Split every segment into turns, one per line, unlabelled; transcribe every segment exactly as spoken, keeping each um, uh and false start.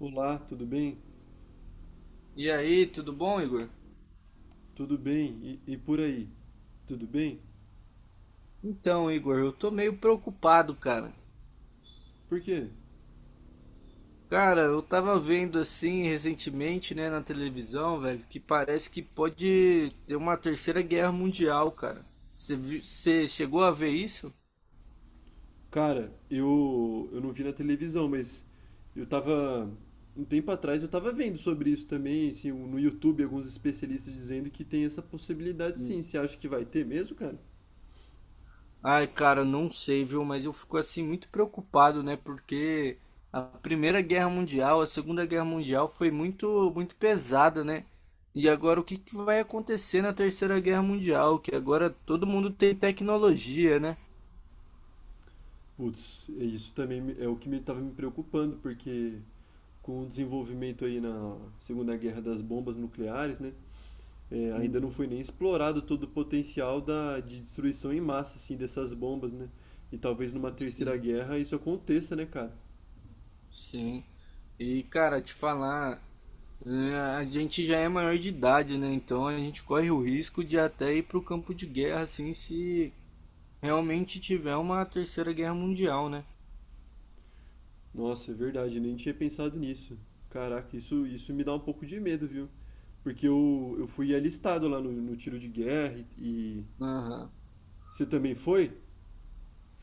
Olá, tudo bem?
E aí, tudo bom, Igor?
Tudo bem? E, e por aí? Tudo bem?
Então, Igor, eu tô meio preocupado, cara.
Por quê?
Cara, eu tava vendo assim recentemente, né, na televisão, velho, que parece que pode ter uma terceira guerra mundial, cara. Você vi- você chegou a ver isso?
Cara, eu, eu não vi na televisão, mas eu tava. Um tempo atrás eu tava vendo sobre isso também, assim, um, no YouTube, alguns especialistas dizendo que tem essa possibilidade sim. Você acha que vai ter mesmo, cara?
Ai, cara, não sei, viu? Mas eu fico assim muito preocupado, né? Porque a Primeira Guerra Mundial, a Segunda Guerra Mundial foi muito, muito pesada, né? E agora o que que vai acontecer na Terceira Guerra Mundial? Que agora todo mundo tem tecnologia, né?
Putz, é isso também me- é o que me estava me preocupando, porque com o desenvolvimento aí na Segunda Guerra das bombas nucleares, né? é, ainda não
Uhum,
foi nem explorado todo o potencial da, de destruição em massa, assim, dessas bombas, né? E talvez numa terceira
sim,
guerra isso aconteça, né, cara?
sim. E, cara, te falar, é, a gente já é maior de idade, né? Então a gente corre o risco de até ir pro campo de guerra, assim, se realmente tiver uma Terceira Guerra Mundial, né?
Nossa, é verdade, eu nem tinha pensado nisso. Caraca, isso, isso me dá um pouco de medo, viu? Porque eu, eu fui alistado lá no, no tiro de guerra e, e...
Aham.
Você também foi?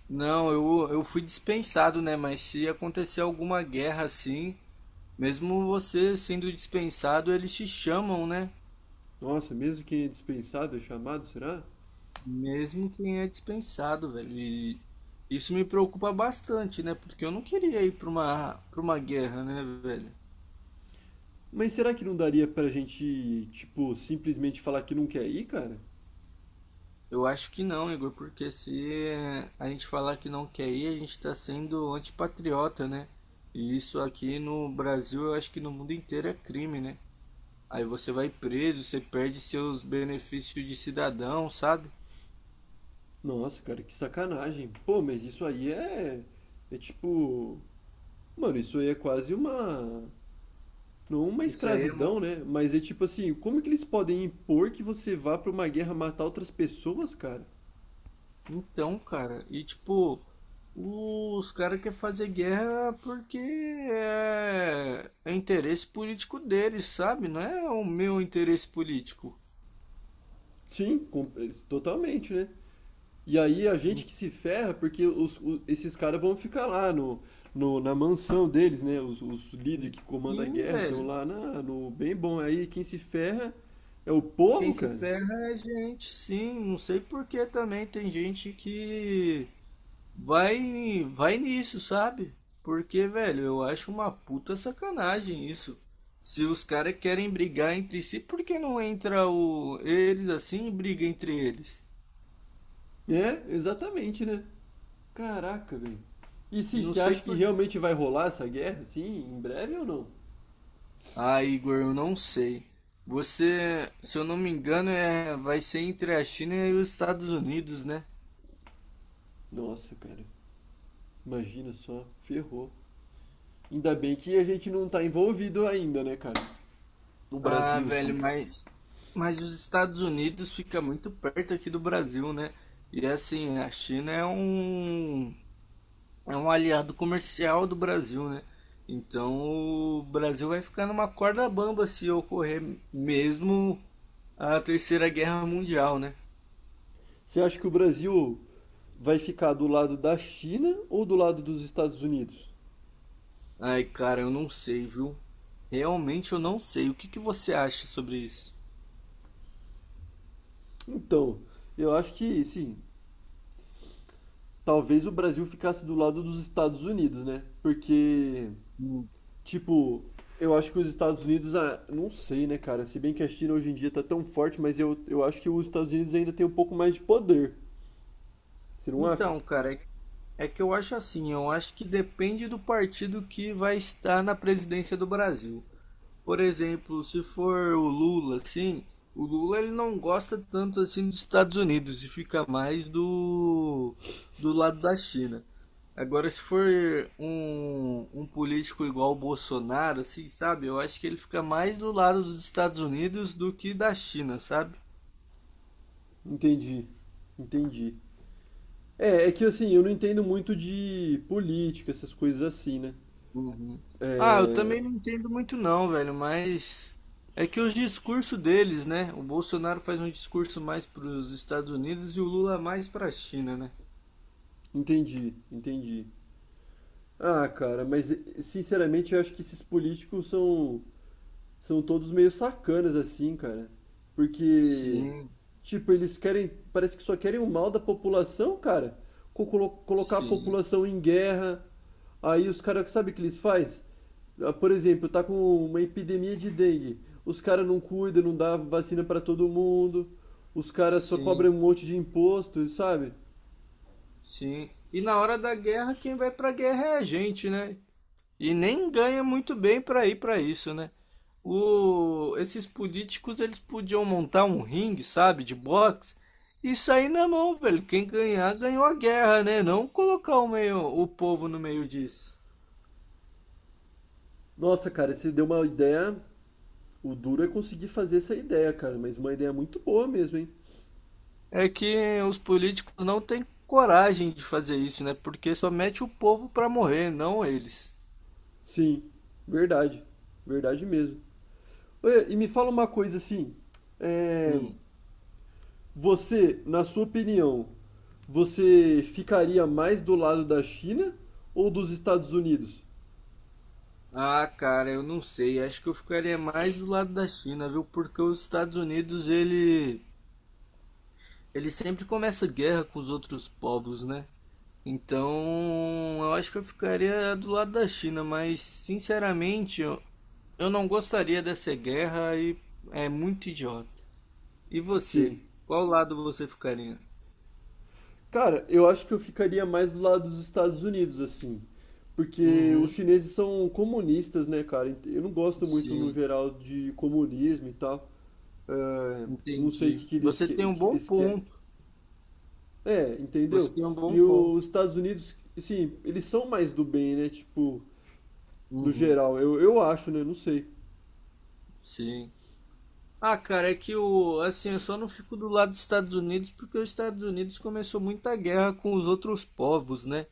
Não, eu, eu fui dispensado, né? Mas se acontecer alguma guerra assim, mesmo você sendo dispensado, eles te chamam, né?
Nossa, mesmo quem é dispensado é chamado, será?
Mesmo quem é dispensado, velho. E isso me preocupa bastante, né? Porque eu não queria ir para uma, para uma guerra, né, velho?
Mas será que não daria pra gente, tipo, simplesmente falar que não quer ir, cara?
Eu acho que não, Igor, porque se a gente falar que não quer ir, a gente tá sendo antipatriota, né? E isso aqui no Brasil, eu acho que no mundo inteiro é crime, né? Aí você vai preso, você perde seus benefícios de cidadão, sabe?
Nossa, cara, que sacanagem. Pô, mas isso aí é. É tipo. Mano, isso aí é quase uma. Não uma
Isso aí é.
escravidão,
mo-
né? Mas é tipo assim, como que eles podem impor que você vá pra uma guerra matar outras pessoas, cara?
Então, cara, e tipo, os caras querem fazer guerra porque é... é interesse político deles, sabe? Não é o meu interesse político.
Sim, com- eles- totalmente, né? E aí a gente que se ferra, porque os- o- esses caras vão ficar lá no, no- na mansão deles, né? Os, os líderes que comandam a
Sim,
guerra estão
velho.
lá na- no bem bom. Aí quem se ferra é o
Quem
povo,
se
cara.
ferra é gente, sim. Não sei por que também tem gente que vai, vai nisso, sabe? Porque, velho, eu acho uma puta sacanagem isso. Se os caras querem brigar entre si, por que não entra o eles assim e briga entre eles?
É, exatamente, né? Caraca, velho. E sim,
Não
você
sei
acha que
por.
realmente vai rolar essa guerra, assim, em breve ou não?
Ah, Igor, eu não sei. Você, se eu não me engano, é vai ser entre a China e os Estados Unidos, né?
Nossa, cara, imagina só, ferrou. Ainda bem que a gente não tá envolvido ainda, né, cara? No
Ah,
Brasil, sim.
velho, mas mas os Estados Unidos fica muito perto aqui do Brasil, né? E assim, a China é um é um aliado comercial do Brasil, né? Então o Brasil vai ficar numa corda bamba se ocorrer mesmo a Terceira Guerra Mundial, né?
Você acha que o Brasil vai ficar do lado da China ou do lado dos Estados Unidos?
Ai, cara, eu não sei, viu? Realmente eu não sei. O que que você acha sobre isso?
Então, eu acho que, sim, talvez o Brasil ficasse do lado dos Estados Unidos, né? Porque
Hum.
tipo, eu acho que os Estados Unidos, ah, não sei, né, cara? Se bem que a China hoje em dia tá tão forte, mas eu, eu acho que os Estados Unidos ainda tem um pouco mais de poder. Você não acha?
Então, cara, é é que eu acho assim, eu acho que depende do partido que vai estar na presidência do Brasil. Por exemplo, se for o Lula, assim, o Lula ele não gosta tanto assim dos Estados Unidos e fica mais do do lado da China. Agora, se for um, um político igual o Bolsonaro, assim, sabe? Eu acho que ele fica mais do lado dos Estados Unidos do que da China, sabe?
Entendi. Entendi. É, é que assim, eu não entendo muito de política, essas coisas assim, né?
Uhum. Ah, eu também não entendo muito não, velho, mas é que os discursos deles, né? O Bolsonaro faz um discurso mais para os Estados Unidos e o Lula mais para a China, né?
Entendi, entendi. Ah, cara, mas eh, sinceramente eu acho que esses políticos são. São todos meio sacanas assim, cara. Porque,
Sim,
tipo, eles querem, parece que só querem o mal da população, cara. Co- colo- colocar a
sim,
população em guerra. Aí os caras, sabe o que eles faz? Ah, por exemplo, tá com uma epidemia de dengue. Os caras não cuidam, não dá vacina pra todo mundo. Os caras só cobram
sim,
um monte de imposto, sabe?
sim. E na hora da guerra, quem vai pra guerra é a gente, né? E nem ganha muito bem pra ir pra isso, né? O... Esses políticos, eles podiam montar um ringue, sabe, de boxe, e sair na mão, velho. Quem ganhar, ganhou a guerra, né? Não colocar o meio, o povo no meio disso.
Nossa, cara, você deu uma ideia. O duro é conseguir fazer essa ideia, cara, mas uma ideia muito boa mesmo, hein?
É que os políticos não têm coragem de fazer isso, né? Porque só mete o povo pra morrer, não eles.
Sim, verdade. Verdade mesmo. Olha, e me fala uma coisa assim, é,
Um,
você, na sua opinião, você ficaria mais do lado da China ou dos Estados Unidos?
Ah, cara, eu não sei. Acho que eu ficaria mais do lado da China, viu? Porque os Estados Unidos, ele, ele sempre começa guerra com os outros povos, né? Então, eu acho que eu ficaria do lado da China, mas sinceramente, eu, eu não gostaria dessa guerra e é muito idiota. E você?
Sim.
Qual lado você ficaria?
Cara, eu acho que eu ficaria mais do lado dos Estados Unidos, assim. Porque os
Uhum,
chineses são comunistas, né, cara? Eu não gosto muito, no
sim,
geral, de comunismo e tal. É, não sei o
entendi.
que que eles,
Você tem
que,
um
que
bom
eles querem.
ponto.
É,
Você
entendeu?
tem um bom
E os
ponto.
Estados Unidos, sim, eles são mais do bem, né? Tipo, no
Uhum,
geral, eu, eu acho, né? Não sei.
sim. Ah, cara, é que o, assim, eu só não fico do lado dos Estados Unidos porque os Estados Unidos começou muita guerra com os outros povos, né?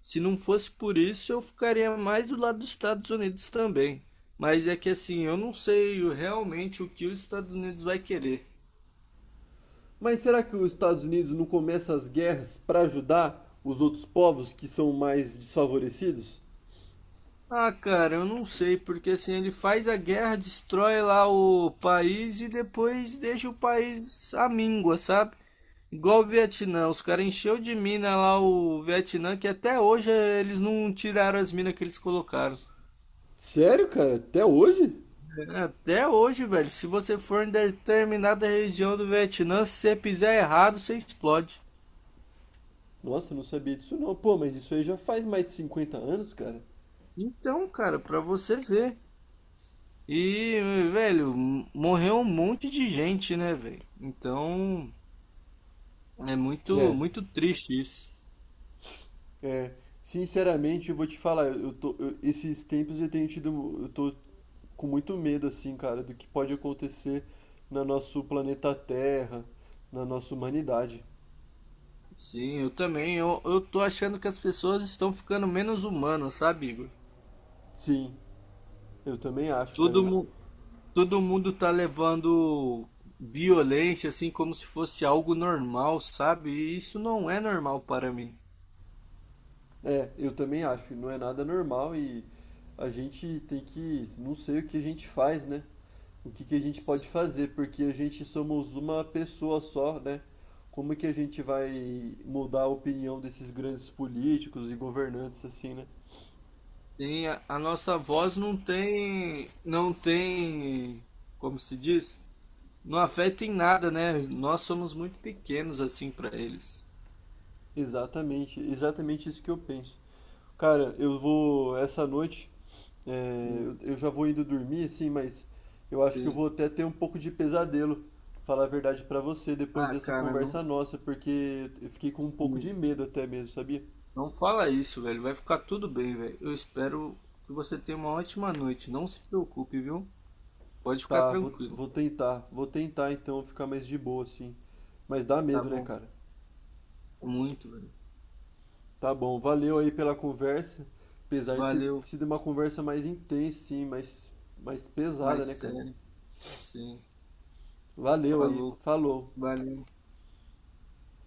Se não fosse por isso, eu ficaria mais do lado dos Estados Unidos também. Mas é que assim, eu não sei o- realmente o que os Estados Unidos vai querer.
Mas será que os Estados Unidos não começa as guerras para ajudar os outros povos que são mais desfavorecidos?
Ah, cara, eu não sei, porque assim, ele faz a guerra, destrói lá o país e depois deixa o país à míngua, sabe? Igual o Vietnã, os caras encheu de mina lá o Vietnã, que até hoje eh, eles não tiraram as minas que eles colocaram.
Sério, cara? Até hoje?
Até hoje, velho, se você for em determinada região do Vietnã, se você pisar errado, você explode.
Nossa, eu não sabia disso não. Pô, mas isso aí já faz mais de cinquenta anos, cara.
Então, cara, pra você ver. E, velho, morreu um monte de gente, né, velho? Então. É muito,
É,
muito triste isso.
é. Sinceramente, eu vou te falar, eu tô, eu- esses tempos eu tenho tido, eu tô com muito medo, assim, cara, do que pode acontecer na nosso planeta Terra, na nossa humanidade.
Sim, eu também. Eu, eu tô achando que as pessoas estão ficando menos humanas, sabe, Igor?
Sim, eu também acho,
Todo,
cara.
mu- todo mundo tá levando violência assim como se fosse algo normal, sabe? E isso não é normal para mim.
É, eu também acho. Não é nada normal e a gente tem que, não sei o que a gente faz, né? O que que a gente pode fazer, porque a gente somos uma pessoa só, né? Como que a gente vai mudar a opinião desses grandes políticos e governantes assim, né?
Tem, a, a nossa voz não tem, não tem, como se diz? Não afeta em nada, né? Nós somos muito pequenos assim para eles.
Exatamente, exatamente isso que eu penso. Cara, eu vou essa noite. É,
Hum,
eu- eu já vou indo dormir, assim, mas eu acho que eu
sim.
vou até ter um pouco de pesadelo, falar a verdade pra você, depois
Ah,
dessa
cara,
conversa
não.
nossa, porque eu fiquei com um pouco de
Hum.
medo até mesmo, sabia?
Não fala isso, velho. Vai ficar tudo bem, velho. Eu espero que você tenha uma ótima noite. Não se preocupe, viu? Pode ficar
Tá, vou,
tranquilo.
vou tentar, vou tentar então ficar mais de boa, assim. Mas dá
Tá
medo, né,
bom.
cara?
Muito, velho.
Tá bom, valeu aí pela conversa, apesar de ser
Valeu.
sido uma conversa mais intensa, sim, mais, mais
Mais
pesada, né, cara?
sério. Sim.
Valeu aí,
Falou.
falou.
Valeu.